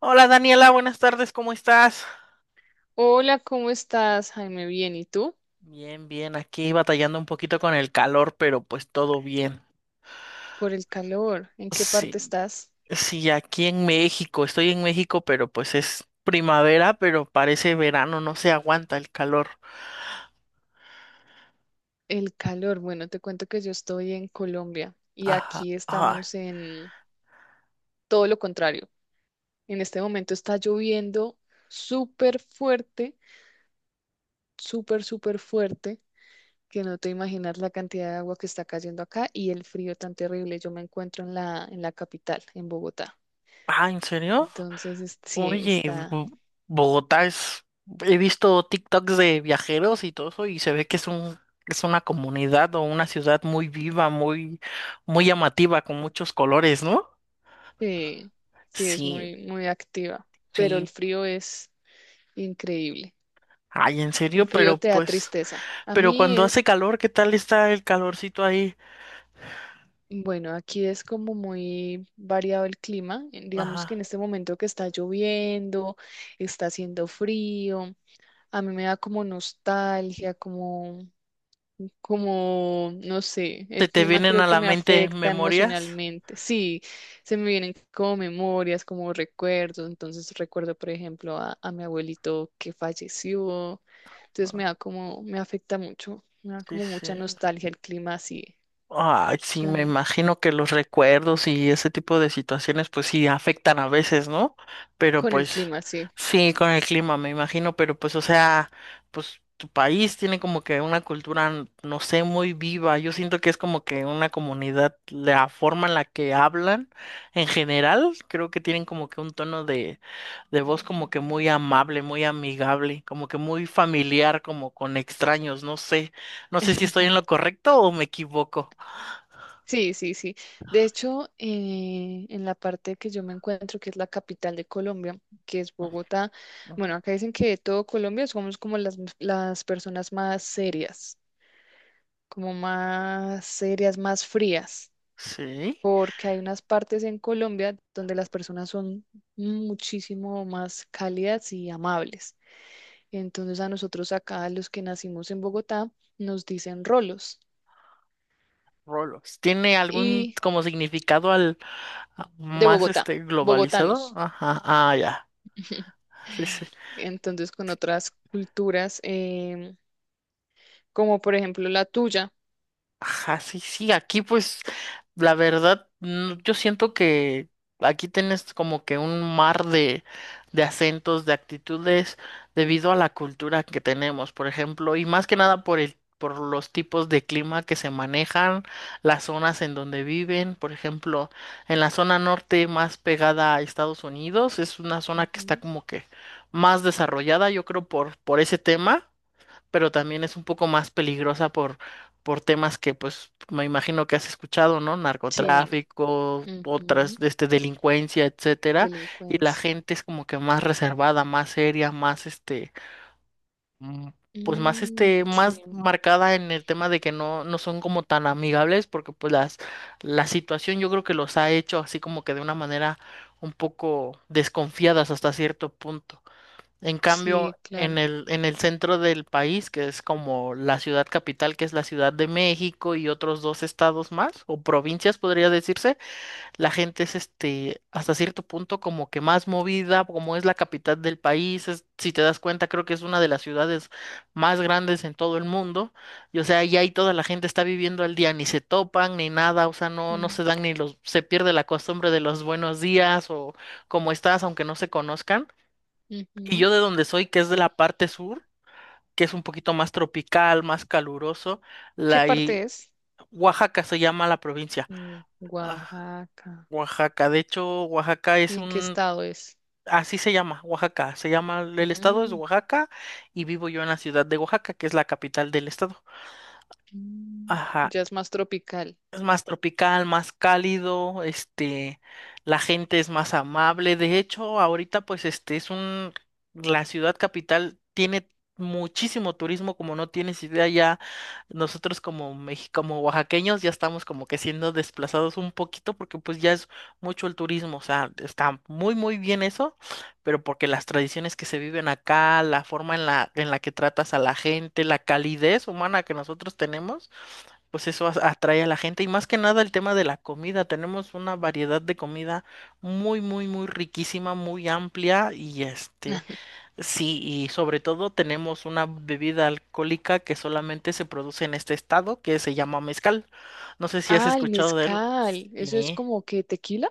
Hola Daniela, buenas tardes, ¿cómo estás? Hola, ¿cómo estás, Jaime? Bien, ¿y tú? Bien, bien, aquí batallando un poquito con el calor, pero pues todo bien. Por el calor, ¿en qué parte Sí, estás? sí, aquí en México, estoy en México, pero pues es primavera, pero parece verano, no se aguanta el calor. El calor, bueno, te cuento que yo estoy en Colombia y Ajá, aquí ajá. estamos en todo lo contrario. En este momento está lloviendo súper fuerte, súper, súper fuerte, que no te imaginas la cantidad de agua que está cayendo acá y el frío tan terrible. Yo me encuentro en la capital, en Bogotá. Ah, ¿en serio? Entonces, sí, Oye, está, Bo- Bogotá es. He visto TikToks de viajeros y todo eso y se ve que es una comunidad o una ciudad muy viva, muy, muy llamativa, con muchos colores, ¿no? sí, sí, es Sí. muy, muy activa, pero Sí, el frío es increíble. ay, en El serio, frío pero te da pues, tristeza. A pero mí, cuando hace calor, ¿qué tal está el calorcito ahí? bueno, aquí es como muy variado el clima. Digamos que Ajá. en este momento que está lloviendo, está haciendo frío. A mí me da como nostalgia, no sé, ¿Se el te clima vienen creo a que la me mente afecta memorias? emocionalmente. Sí, se me vienen como memorias, como recuerdos. Entonces recuerdo, por ejemplo, a mi abuelito que falleció. Entonces Ah, me da como, me afecta mucho, me da sí, como sí. mucha nostalgia el clima así, Ay, sí, me tan, imagino que los recuerdos y ese tipo de situaciones, pues sí, afectan a veces, ¿no? Pero con el pues clima así. sí, con el clima, me imagino, pero pues, o sea, pues tu país tiene como que una cultura, no sé, muy viva. Yo siento que es como que una comunidad, la forma en la que hablan en general, creo que tienen como que un tono de voz como que muy amable, muy amigable, como que muy familiar, como con extraños, no sé. No sé si estoy en lo correcto o me equivoco. Sí, sí, sí. De hecho, en la parte que yo me encuentro, que es la capital de Colombia, que es Bogotá, bueno, Ujú. acá dicen que de todo Colombia somos como las personas más serias, como más serias, más frías, Sí, porque hay unas partes en Colombia donde las personas son muchísimo más cálidas y amables. Entonces a nosotros acá, los que nacimos en Bogotá, nos dicen rolos rolos. ¿Tiene algún y como significado de más Bogotá, este globalizado? bogotanos. Ajá, ah, ya. Sí, sí. Entonces, con otras culturas, como por ejemplo la tuya. Ajá, sí, sí, aquí pues la verdad yo siento que aquí tienes como que un mar de acentos, de actitudes debido a la cultura que tenemos, por ejemplo, y más que nada por los tipos de clima que se manejan, las zonas en donde viven, por ejemplo, en la zona norte más pegada a Estados Unidos, es una zona que está Ujú. como que más desarrollada, yo creo, por ese tema pero también es un poco más peligrosa por temas que, pues, me imagino que has escuchado, ¿no? Sí, Narcotráfico, otras, ujú, este, delincuencia, etcétera. Y la delincuencia. gente es como que más reservada, más seria, más, este, mm, pues, más, Mm, este, sí, más marcada en el tema de que no, no son como tan amigables, porque, pues, la situación yo creo que los ha hecho así como que de una manera un poco desconfiadas hasta cierto punto. En cambio, sí, claro. en el centro del país, que es como la ciudad capital, que es la Ciudad de México y otros dos estados más, o provincias podría decirse, la gente es este, hasta cierto punto como que más movida, como es la capital del país, si te das cuenta, creo que es una de las ciudades más grandes en todo el mundo, y o sea, ya ahí toda la gente está viviendo al día, ni se topan, ni nada, o sea, no, no Mm, se dan ni los, se pierde la costumbre de los buenos días o cómo estás, aunque no se conozcan. Y ujú. yo de donde soy, que es de la parte sur, que es un poquito más tropical, más caluroso, ¿Qué la parte y es? Oaxaca se llama la provincia. Mm, Ah, Oaxaca. Oaxaca, de hecho, Oaxaca es ¿Y en qué un, estado es? así se llama, Oaxaca, se llama, el estado es Mm, Oaxaca y vivo yo en la ciudad de Oaxaca, que es la capital del estado. mm, Ajá, ya es más tropical. es más tropical, más cálido, este, la gente es más amable. De hecho, ahorita pues este es un, la ciudad capital tiene muchísimo turismo, como no tienes idea ya, nosotros como oaxaqueños ya estamos como que siendo desplazados un poquito porque pues ya es mucho el turismo, o sea, está muy muy bien eso, pero porque las tradiciones que se viven acá, la forma en la que tratas a la gente, la calidez humana que nosotros tenemos pues eso atrae a la gente y más que nada el tema de la comida. Tenemos una variedad de comida muy, muy, muy riquísima, muy amplia y este, sí, y sobre todo tenemos una bebida alcohólica que solamente se produce en este estado que se llama mezcal. No sé si has Ah, el escuchado de él. mezcal. ¿Eso es Sí. como que tequila?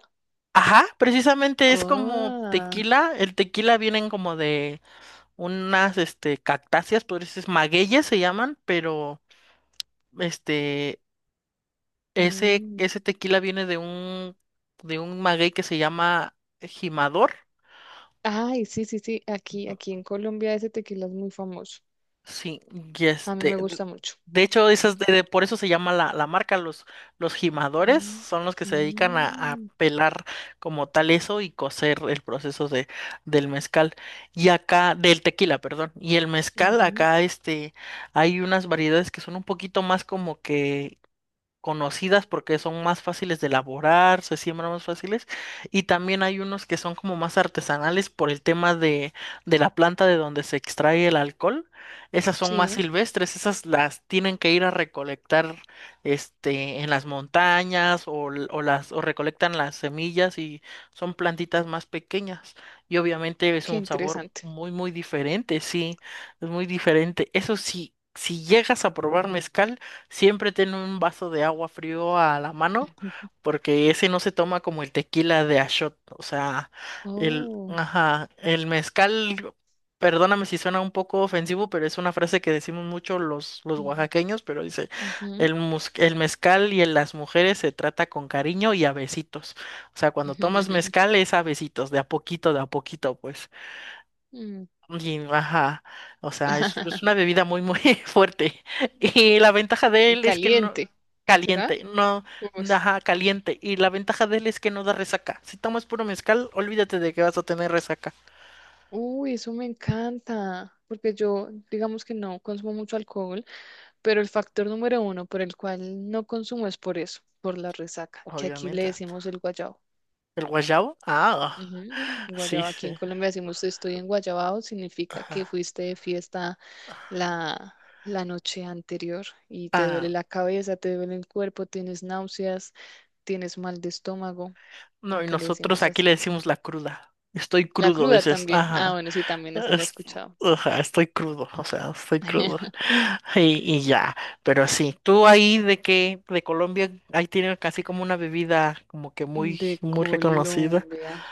Ajá, precisamente es como Ah, tequila. El tequila vienen como de unas, este, cactáceas, por eso es magueyes se llaman, pero, este, Ese, mm, ese tequila viene de un maguey que se llama Jimador. ay, sí, sí, sí. Aquí, Ujú. aquí en Colombia ese tequila es muy famoso. Sí, y A mí este, me de gusta mucho. de hecho, esas por eso se llama la, marca, los jimadores Mm, son los que se dedican a mm, pelar como tal eso y cocer el proceso del mezcal. Y acá, del tequila, perdón. Y el mezcal, ujú. acá este, hay unas variedades que son un poquito más como que conocidas porque son más fáciles de elaborar, se siembran más fáciles, y también hay unos que son como más artesanales por el tema de la planta de donde se extrae el alcohol. Esas son más Sí, silvestres, esas las tienen que ir a recolectar este, en las montañas o, o las, o recolectan las semillas y son plantitas más pequeñas. Y obviamente es qué un sabor interesante. muy, muy diferente, sí, es muy diferente. Eso sí, si llegas a probar mezcal, siempre ten un vaso de agua frío a la mano, porque ese no se toma como el tequila de a shot. O sea, el, Oh. ajá, el mezcal, perdóname si suena un poco ofensivo, pero es una frase que decimos mucho los Ujú, oaxaqueños, pero dice, ujú. el mezcal y en las mujeres se trata con cariño y a besitos. O sea, cuando tomas mezcal es a besitos, de a poquito, pues. Mm. Y, ajá, o sea, es una bebida muy, muy fuerte. Y la ventaja de Y él es que no, caliente, ¿será? caliente, no, Pues, ajá, caliente. Y la ventaja de él es que no da resaca. Si tomas puro mezcal, olvídate de que vas a tener resaca. uy, eso me encanta, porque yo, digamos que no consumo mucho alcohol, pero el factor número uno por el cual no consumo es por eso, por la resaca, que aquí le Obviamente. decimos el guayabo. ¿El guayabo? Ah, Ujú, sí, guayaba, sí. aquí en Colombia decimos estoy en Guayabao, significa que Ajá, fuiste de fiesta la, la noche anterior y te duele ah, la cabeza, te duele el cuerpo, tienes náuseas, tienes mal de estómago. no, y Acá le nosotros decimos aquí le así. decimos la cruda. Estoy La crudo, cruda dices. también. Ah, Ajá. bueno, sí, también esa la he Es- escuchado. ajá, estoy crudo, o sea, estoy crudo. Y ya, pero sí, tú ahí de que de Colombia, ahí tienen casi como una bebida como que muy, De muy reconocida. Colombia.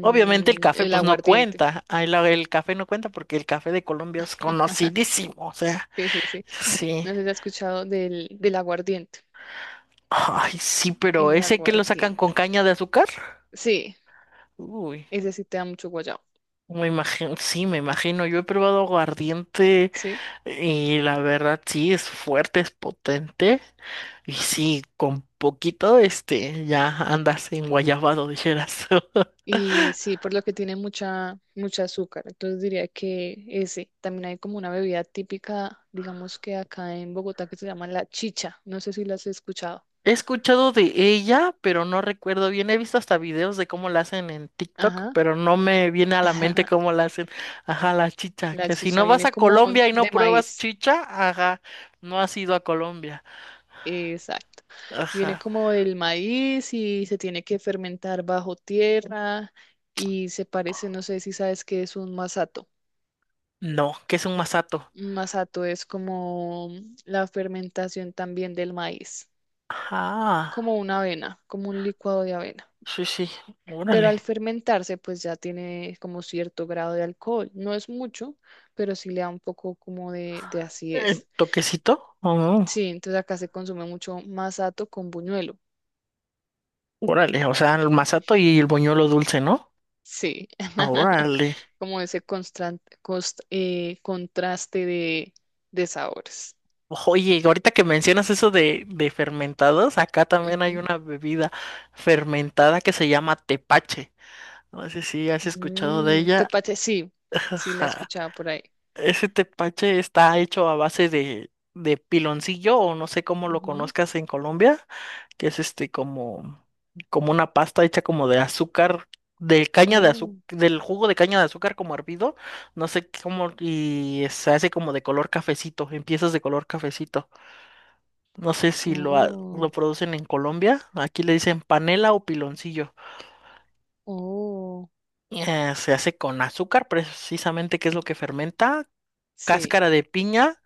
Obviamente el café el pues no aguardiente. cuenta, ahí el café no cuenta porque el café de Colombia es conocidísimo, o sea, Sí, sí, sí. sí. No sé si has escuchado del aguardiente. Ay, sí, pero El ese que lo sacan con aguardiente. caña de azúcar. Sí, Uy, ese sí te da mucho guayabo. me imagino, sí, me imagino, yo he probado aguardiente. ¿Sí? Y la verdad sí es fuerte, es potente. Y sí, con poquito, este, ya andas en guayabado, dijeras. Y sí, por lo que tiene mucha, mucha azúcar. Entonces diría que ese. También hay como una bebida típica, digamos que acá en Bogotá, que se llama la chicha. No sé si la has escuchado. He escuchado de ella, pero no recuerdo bien. He visto hasta videos de cómo la hacen en TikTok, Ajá. pero no me viene a la mente cómo la hacen. Ajá, la chicha. La Que si chicha no vas viene a como Colombia y de no pruebas maíz. chicha, ajá, no has ido a Colombia. Exacto. Viene Ajá. como del maíz y se tiene que fermentar bajo tierra y se parece, no sé si sabes qué es un masato. No, que es un masato. Un masato es como la fermentación también del maíz, Ajá. como una avena, como un licuado de avena. Sí, sí. Pero Órale. al fermentarse, pues ya tiene como cierto grado de alcohol. No es mucho, pero sí le da un poco como de acidez. ¿Toquecito? Oh. Sí, entonces acá se consume mucho masato con buñuelo. Órale, o sea, el masato y el boñuelo dulce, ¿no? Sí, Órale. como ese contraste de sabores. Oye, ahorita que mencionas eso de fermentados, acá también hay Ujú. una bebida fermentada que se llama tepache. No sé si has escuchado de Mm, ella. tepache, sí, sí la he Ajá. escuchado por ahí. Ese tepache está hecho a base de piloncillo o no sé cómo lo Ujú. conozcas en Colombia. Que es este como, una pasta hecha como de azúcar, de caña de azúcar, Oh, del jugo de caña de azúcar como hervido, no sé cómo, y se hace como de color cafecito, en piezas de color cafecito. No sé si lo oh, producen en Colombia, aquí le dicen panela o piloncillo. oh, Se hace con azúcar, precisamente, que es lo que fermenta, sí. cáscara de piña.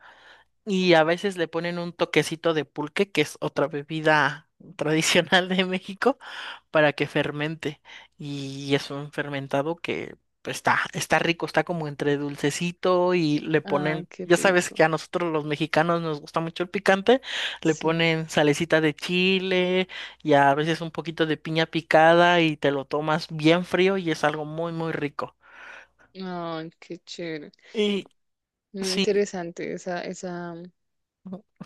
Y a veces le ponen un toquecito de pulque, que es otra bebida tradicional de México. Para que fermente. Y es un fermentado que pues, está rico, está como entre dulcecito y le Ay, ponen, qué ya sabes que rico. a nosotros los mexicanos nos gusta mucho el picante, le Sí. ponen salecita de chile y a veces un poquito de piña picada y te lo tomas bien frío y es algo muy, muy rico. Ay, qué chévere. Y Muy sí. interesante esa, esa,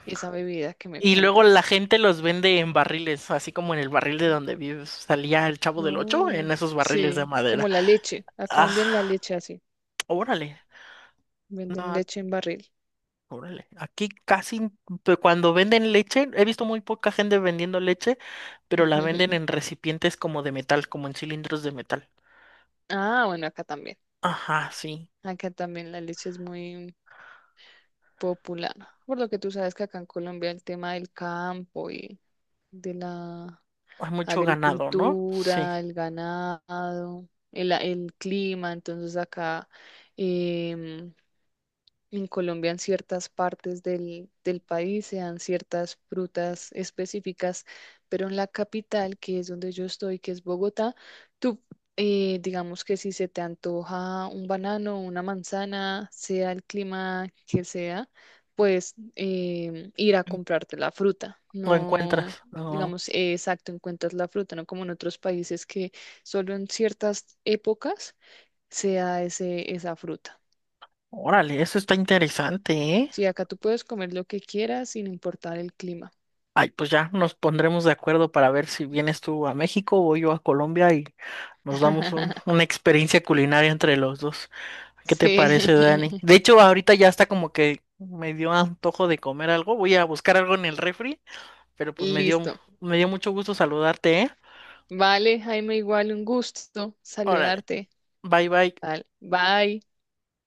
esa bebida que me Y luego la cuentas. gente los vende en barriles, así como en el barril de donde vives. Salía el Chavo del Ocho en Oh, esos barriles de sí, madera. como la leche. Acá Ah, venden la leche así. órale. Venden No, leche en barril. órale, aquí casi cuando venden leche, he visto muy poca gente vendiendo leche, pero la venden en recipientes como de metal, como en cilindros de metal. Ah, bueno, acá también. Ajá, sí. Acá también la leche es muy popular. Por lo que tú sabes que acá en Colombia el tema del campo y de la Hay mucho ganado, ¿no? Sí. agricultura, el ganado, el clima, entonces acá. em, En Colombia, en ciertas partes del país, se dan ciertas frutas específicas, pero en la capital, que es donde yo estoy, que es Bogotá, tú, digamos que si se te antoja un banano, una manzana, sea el clima que sea, pues ir a comprarte la fruta. Lo encuentras. No, No. digamos, exacto, encuentras la fruta, no como en otros países que solo en ciertas épocas se da esa fruta. Órale, eso está interesante, ¿eh? Sí, acá tú puedes comer lo que quieras sin importar el clima. Ay, pues ya nos pondremos de acuerdo para ver si vienes tú a México o yo a Colombia y nos damos una experiencia culinaria entre los dos. ¿Qué te Sí, parece, Dani? De hecho, ahorita ya está como que me dio antojo de comer algo. Voy a buscar algo en el refri, pero pues me dio, listo. me dio mucho gusto saludarte, ¿eh? Vale, Jaime, igual un gusto Órale, saludarte. bye bye. Vale, bye.